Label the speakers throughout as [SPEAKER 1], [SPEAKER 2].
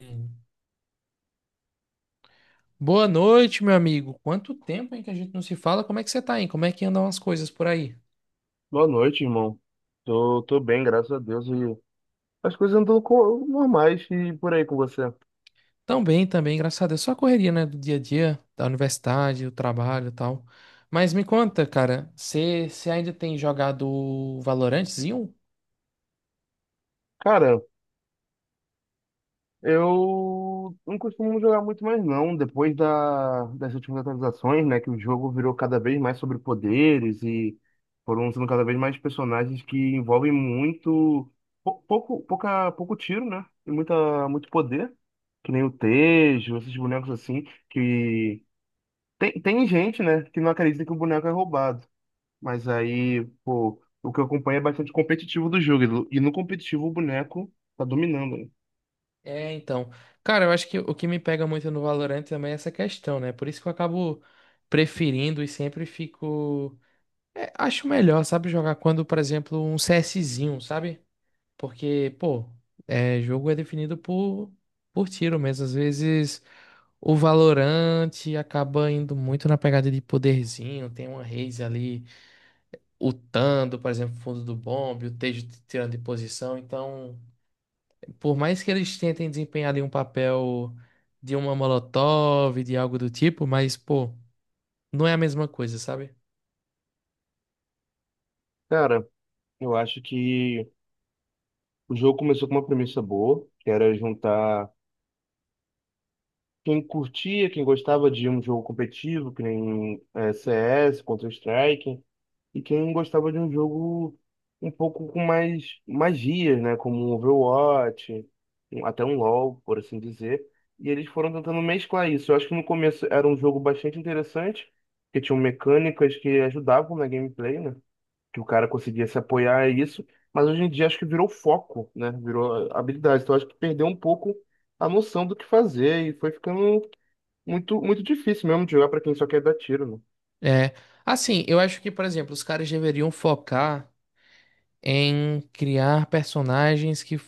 [SPEAKER 1] Hum. Boa noite, meu amigo. Quanto tempo, hein, que a gente não se fala? Como é que você tá, hein? Como é que andam as coisas por aí?
[SPEAKER 2] Boa noite, irmão. Tô bem, graças a Deus. E as coisas andam normais. E por aí, com você?
[SPEAKER 1] Tão bem, também, graças a Deus. Só a correria, né, do dia a dia, da universidade, do trabalho e tal. Mas me conta, cara, você ainda tem jogado Valorantezinho?
[SPEAKER 2] Cara, eu não costumo jogar muito mais não. Depois das últimas atualizações, né? Que o jogo virou cada vez mais sobre poderes, e foram sendo cada vez mais personagens que envolvem muito pouco tiro, né? E muito poder. Que nem o Tejo, esses bonecos assim, Tem gente, né, que não acredita que o boneco é roubado. Mas aí, pô, o que eu acompanho é bastante competitivo do jogo. E no competitivo, o boneco tá dominando, né?
[SPEAKER 1] É, então. Cara, eu acho que o que me pega muito no Valorant também é essa questão, né? Por isso que eu acabo preferindo e sempre fico. Acho melhor, sabe, jogar quando, por exemplo, um CSzinho, sabe? Porque, pô, jogo é definido por tiro mesmo. Às vezes o Valorante acaba indo muito na pegada de poderzinho. Tem uma Raze ali ultando, por exemplo, fundo do bombe, o Tejo te tirando de posição. Então, por mais que eles tentem desempenhar ali um papel de uma Molotov, de algo do tipo, mas, pô, não é a mesma coisa, sabe?
[SPEAKER 2] Cara, eu acho que o jogo começou com uma premissa boa, que era juntar quem curtia, quem gostava de um jogo competitivo, que nem CS, Counter-Strike. E quem gostava de um jogo um pouco com mais magias, né? Como um Overwatch, até um LoL, por assim dizer. E eles foram tentando mesclar isso. Eu acho que no começo era um jogo bastante interessante, que tinham mecânicas que ajudavam na gameplay, né? Que o cara conseguia se apoiar a isso. Mas hoje em dia acho que virou foco, né? Virou habilidade. Então acho que perdeu um pouco a noção do que fazer, e foi ficando muito, muito difícil mesmo de jogar para quem só quer dar tiro, né?
[SPEAKER 1] É. Assim, eu acho que, por exemplo, os caras deveriam focar em criar personagens que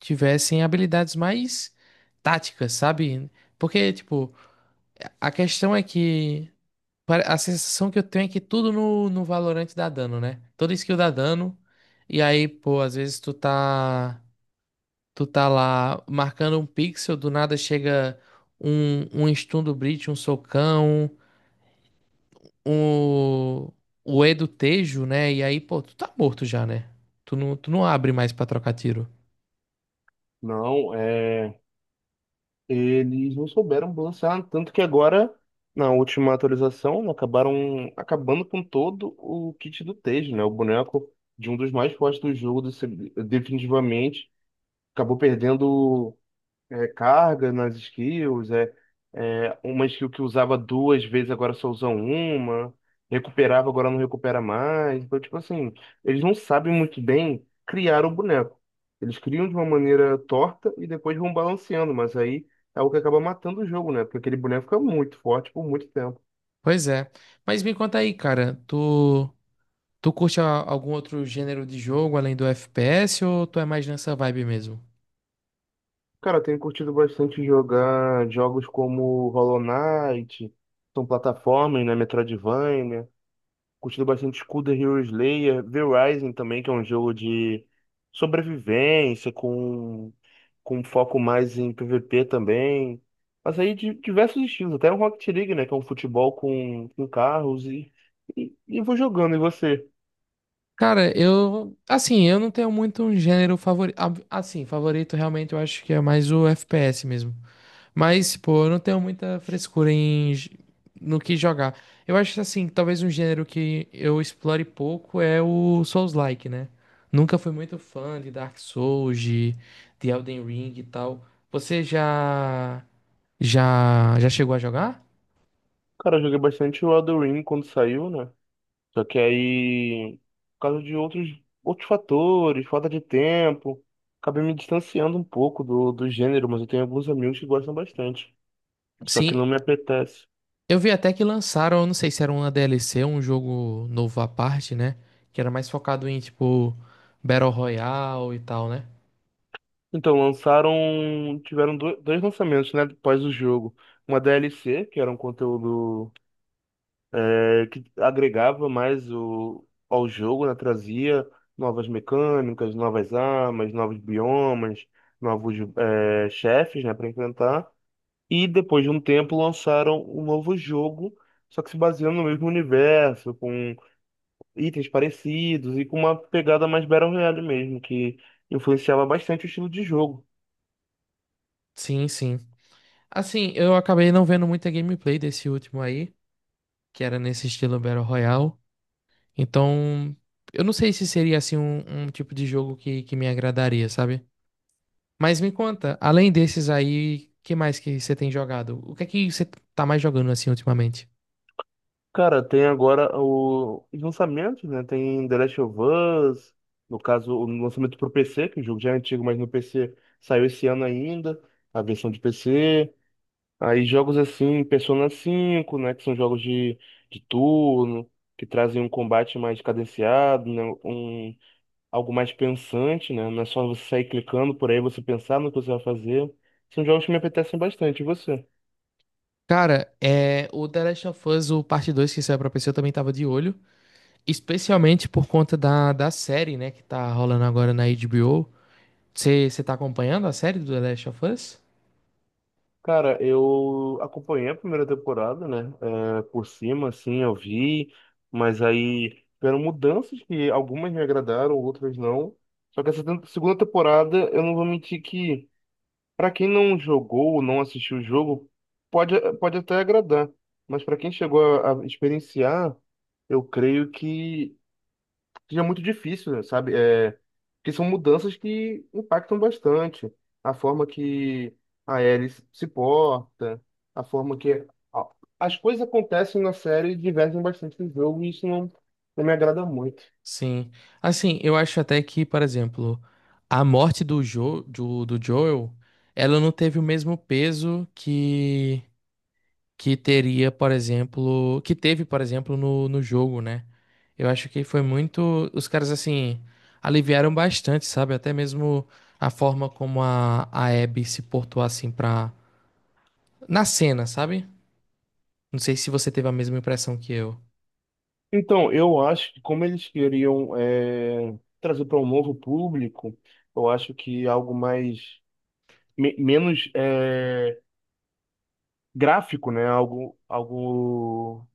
[SPEAKER 1] tivessem habilidades mais táticas, sabe? Porque, tipo, a questão é que a sensação que eu tenho é que tudo no Valorant dá dano, né? Toda skill dá dano. E aí, pô, às vezes tu tá lá marcando um pixel, do nada chega um stun do Breach, um socão, um, o E do Tejo, né? E aí, pô, tu tá morto já, né? Tu não abre mais pra trocar tiro.
[SPEAKER 2] Não, é. Eles não souberam balancear, tanto que agora, na última atualização, né, acabaram acabando com todo o kit do Tejo, né? O boneco, de um dos mais fortes do jogo, definitivamente, acabou perdendo carga nas skills. É uma skill que usava duas vezes, agora só usam uma. Recuperava, agora não recupera mais. Então, tipo assim, eles não sabem muito bem criar o boneco. Eles criam de uma maneira torta e depois vão balanceando, mas aí é o que acaba matando o jogo, né? Porque aquele boneco fica muito forte por muito tempo.
[SPEAKER 1] Pois é. Mas me conta aí, cara, tu. Tu curte a- Algum outro gênero de jogo além do FPS ou tu é mais nessa vibe mesmo?
[SPEAKER 2] Cara, eu tenho curtido bastante jogar jogos como Hollow Knight, são plataformas, né? Metroidvania. Curtindo bastante School the Hero Slayer, V-Rising também, que é um jogo de sobrevivência, com um foco mais em PVP também. Mas aí, de diversos estilos, até um Rocket League, né? Que é um futebol com carros, e vou jogando. E você?
[SPEAKER 1] Cara, eu, assim, eu não tenho muito um gênero favorito, assim, favorito realmente eu acho que é mais o FPS mesmo. Mas, pô, eu não tenho muita frescura no que jogar. Eu acho assim, que assim, talvez um gênero que eu explore pouco é o Souls-like, né? Nunca fui muito fã de Dark Souls, de Elden Ring e tal. Você já chegou a jogar?
[SPEAKER 2] Cara, eu joguei bastante o Elden Ring quando saiu, né? Só que aí, por causa de outros fatores, falta de tempo, acabei me distanciando um pouco do gênero, mas eu tenho alguns amigos que gostam bastante. Só que
[SPEAKER 1] Sim.
[SPEAKER 2] não me apetece.
[SPEAKER 1] Eu vi até que lançaram, eu não sei se era uma DLC, um jogo novo à parte, né? Que era mais focado em, tipo, Battle Royale e tal, né?
[SPEAKER 2] Então, lançaram. Tiveram dois lançamentos, né? Após o jogo. Uma DLC, que era um conteúdo que agregava mais ao jogo, né? Trazia novas mecânicas, novas armas, novos biomas, novos chefes, né? Para enfrentar. E depois de um tempo lançaram um novo jogo, só que se baseando no mesmo universo, com itens parecidos e com uma pegada mais Battle Royale mesmo, que influenciava bastante o estilo de jogo.
[SPEAKER 1] Sim, sim. Assim, eu acabei não vendo muita gameplay desse último aí, que era nesse estilo Battle Royale. Então, eu não sei se seria, assim, um tipo de jogo que me agradaria, sabe? Mas me conta, além desses aí, que mais que você tem jogado? O que é que você tá mais jogando, assim, ultimamente?
[SPEAKER 2] Cara, tem agora os lançamentos, né? Tem The Last of Us, no caso, o lançamento pro PC, que o jogo já é antigo, mas no PC saiu esse ano ainda, a versão de PC. Aí, jogos assim, Persona 5, né? Que são jogos de turno, que trazem um combate mais cadenciado, né? Algo mais pensante, né? Não é só você sair clicando por aí, você pensar no que você vai fazer. São jogos que me apetecem bastante. E você?
[SPEAKER 1] Cara, é, o The Last of Us, o parte 2 que saiu pra PC, eu também tava de olho. Especialmente por conta da série, né, que tá rolando agora na HBO. Você tá acompanhando a série do The Last of Us?
[SPEAKER 2] Cara, eu acompanhei a primeira temporada, né? Por cima, assim, eu vi, mas aí tiveram mudanças que algumas me agradaram, outras não. Só que essa segunda temporada, eu não vou mentir que, pra quem não jogou ou não assistiu o jogo, pode até agradar. Mas pra quem chegou a experienciar, eu creio que seja muito difícil, sabe? É, porque são mudanças que impactam bastante a forma que a Ellie se porta, a forma que a- as coisas acontecem na série e divergem bastante do jogo, e isso não, não me agrada muito.
[SPEAKER 1] Sim. Assim, eu acho até que, por exemplo, a morte do Joel, ela não teve o mesmo peso que teria, por exemplo, que teve, por exemplo, no jogo, né? Eu acho que foi muito, os caras assim aliviaram bastante, sabe? Até mesmo a forma como a Abby se portou assim pra na cena, sabe? Não sei se você teve a mesma impressão que eu.
[SPEAKER 2] Então, eu acho que como eles queriam trazer para um novo público, eu acho que algo mais menos gráfico, né? Algo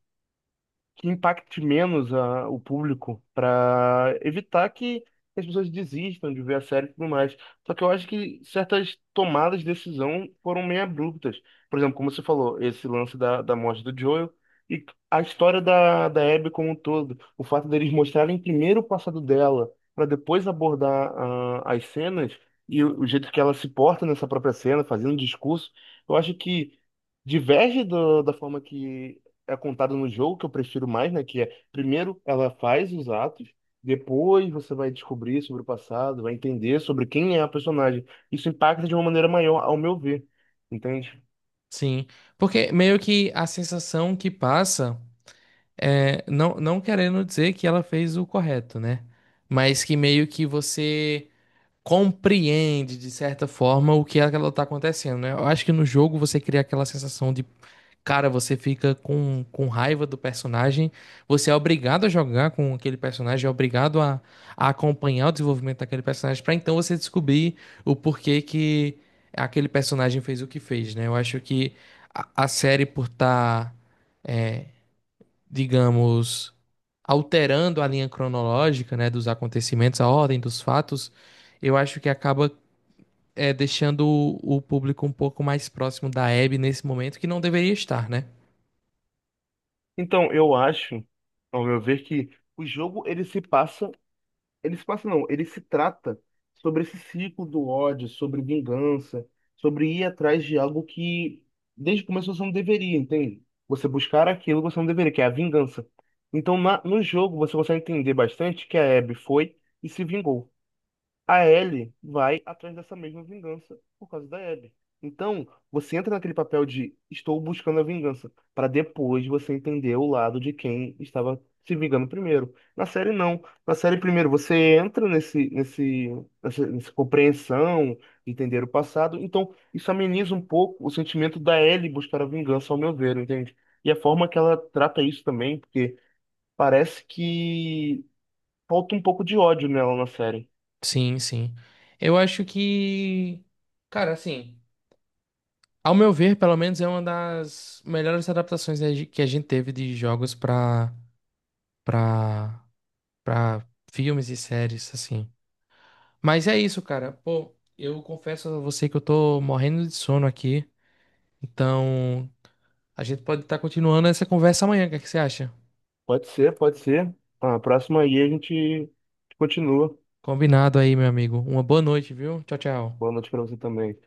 [SPEAKER 2] que impacte menos o público, para evitar que as pessoas desistam de ver a série e tudo mais. Só que eu acho que certas tomadas de decisão foram meio abruptas. Por exemplo, como você falou, esse lance da morte do Joel e a história da Abby como um todo. O fato deles mostrarem primeiro o passado dela para depois abordar as cenas e o jeito que ela se porta nessa própria cena, fazendo discurso. Eu acho que diverge da forma que é contada no jogo, que eu prefiro mais, né? Que é, primeiro ela faz os atos, depois você vai descobrir sobre o passado, vai entender sobre quem é a personagem. Isso impacta de uma maneira maior, ao meu ver, entende?
[SPEAKER 1] Sim, porque meio que a sensação que passa é não não querendo dizer que ela fez o correto, né? Mas que meio que você compreende, de certa forma, o que é que ela tá acontecendo, né? Eu acho que no jogo você cria aquela sensação de, cara, você fica com raiva do personagem, você é obrigado a jogar com aquele personagem, é obrigado a acompanhar o desenvolvimento daquele personagem, pra então você descobrir o porquê que aquele personagem fez o que fez, né? Eu acho que a série, por estar, digamos, alterando a linha cronológica, né, dos acontecimentos, a ordem dos fatos, eu acho que acaba é, deixando o público um pouco mais próximo da Abby nesse momento, que não deveria estar, né?
[SPEAKER 2] Então, eu acho, ao meu ver, que o jogo, ele se passa. Ele se passa, não, ele se trata sobre esse ciclo do ódio, sobre vingança, sobre ir atrás de algo que desde o começo você não deveria, entende? Você buscar aquilo que você não deveria, que é a vingança. Então, no jogo, você consegue entender bastante que a Abby foi e se vingou. A Ellie vai atrás dessa mesma vingança por causa da Abby. Então, você entra naquele papel de estou buscando a vingança, para depois você entender o lado de quem estava se vingando primeiro. Na série, não. Na série, primeiro, você entra nessa compreensão, entender o passado. Então, isso ameniza um pouco o sentimento da Ellie buscar a vingança, ao meu ver, entende? E a forma que ela trata isso também, porque parece que falta um pouco de ódio nela na série.
[SPEAKER 1] Sim, sim. Eu acho que, cara, assim, ao meu ver, pelo menos é uma das melhores adaptações né, que a gente teve de jogos pra, pra filmes e séries, assim. Mas é isso, cara. Pô, eu confesso a você que eu tô morrendo de sono aqui. Então, a gente pode estar continuando essa conversa amanhã. O que é que você acha?
[SPEAKER 2] Pode ser, pode ser. Ah, a próxima aí a gente continua.
[SPEAKER 1] Combinado aí, meu amigo. Uma boa noite, viu? Tchau, tchau.
[SPEAKER 2] Boa noite pra você também.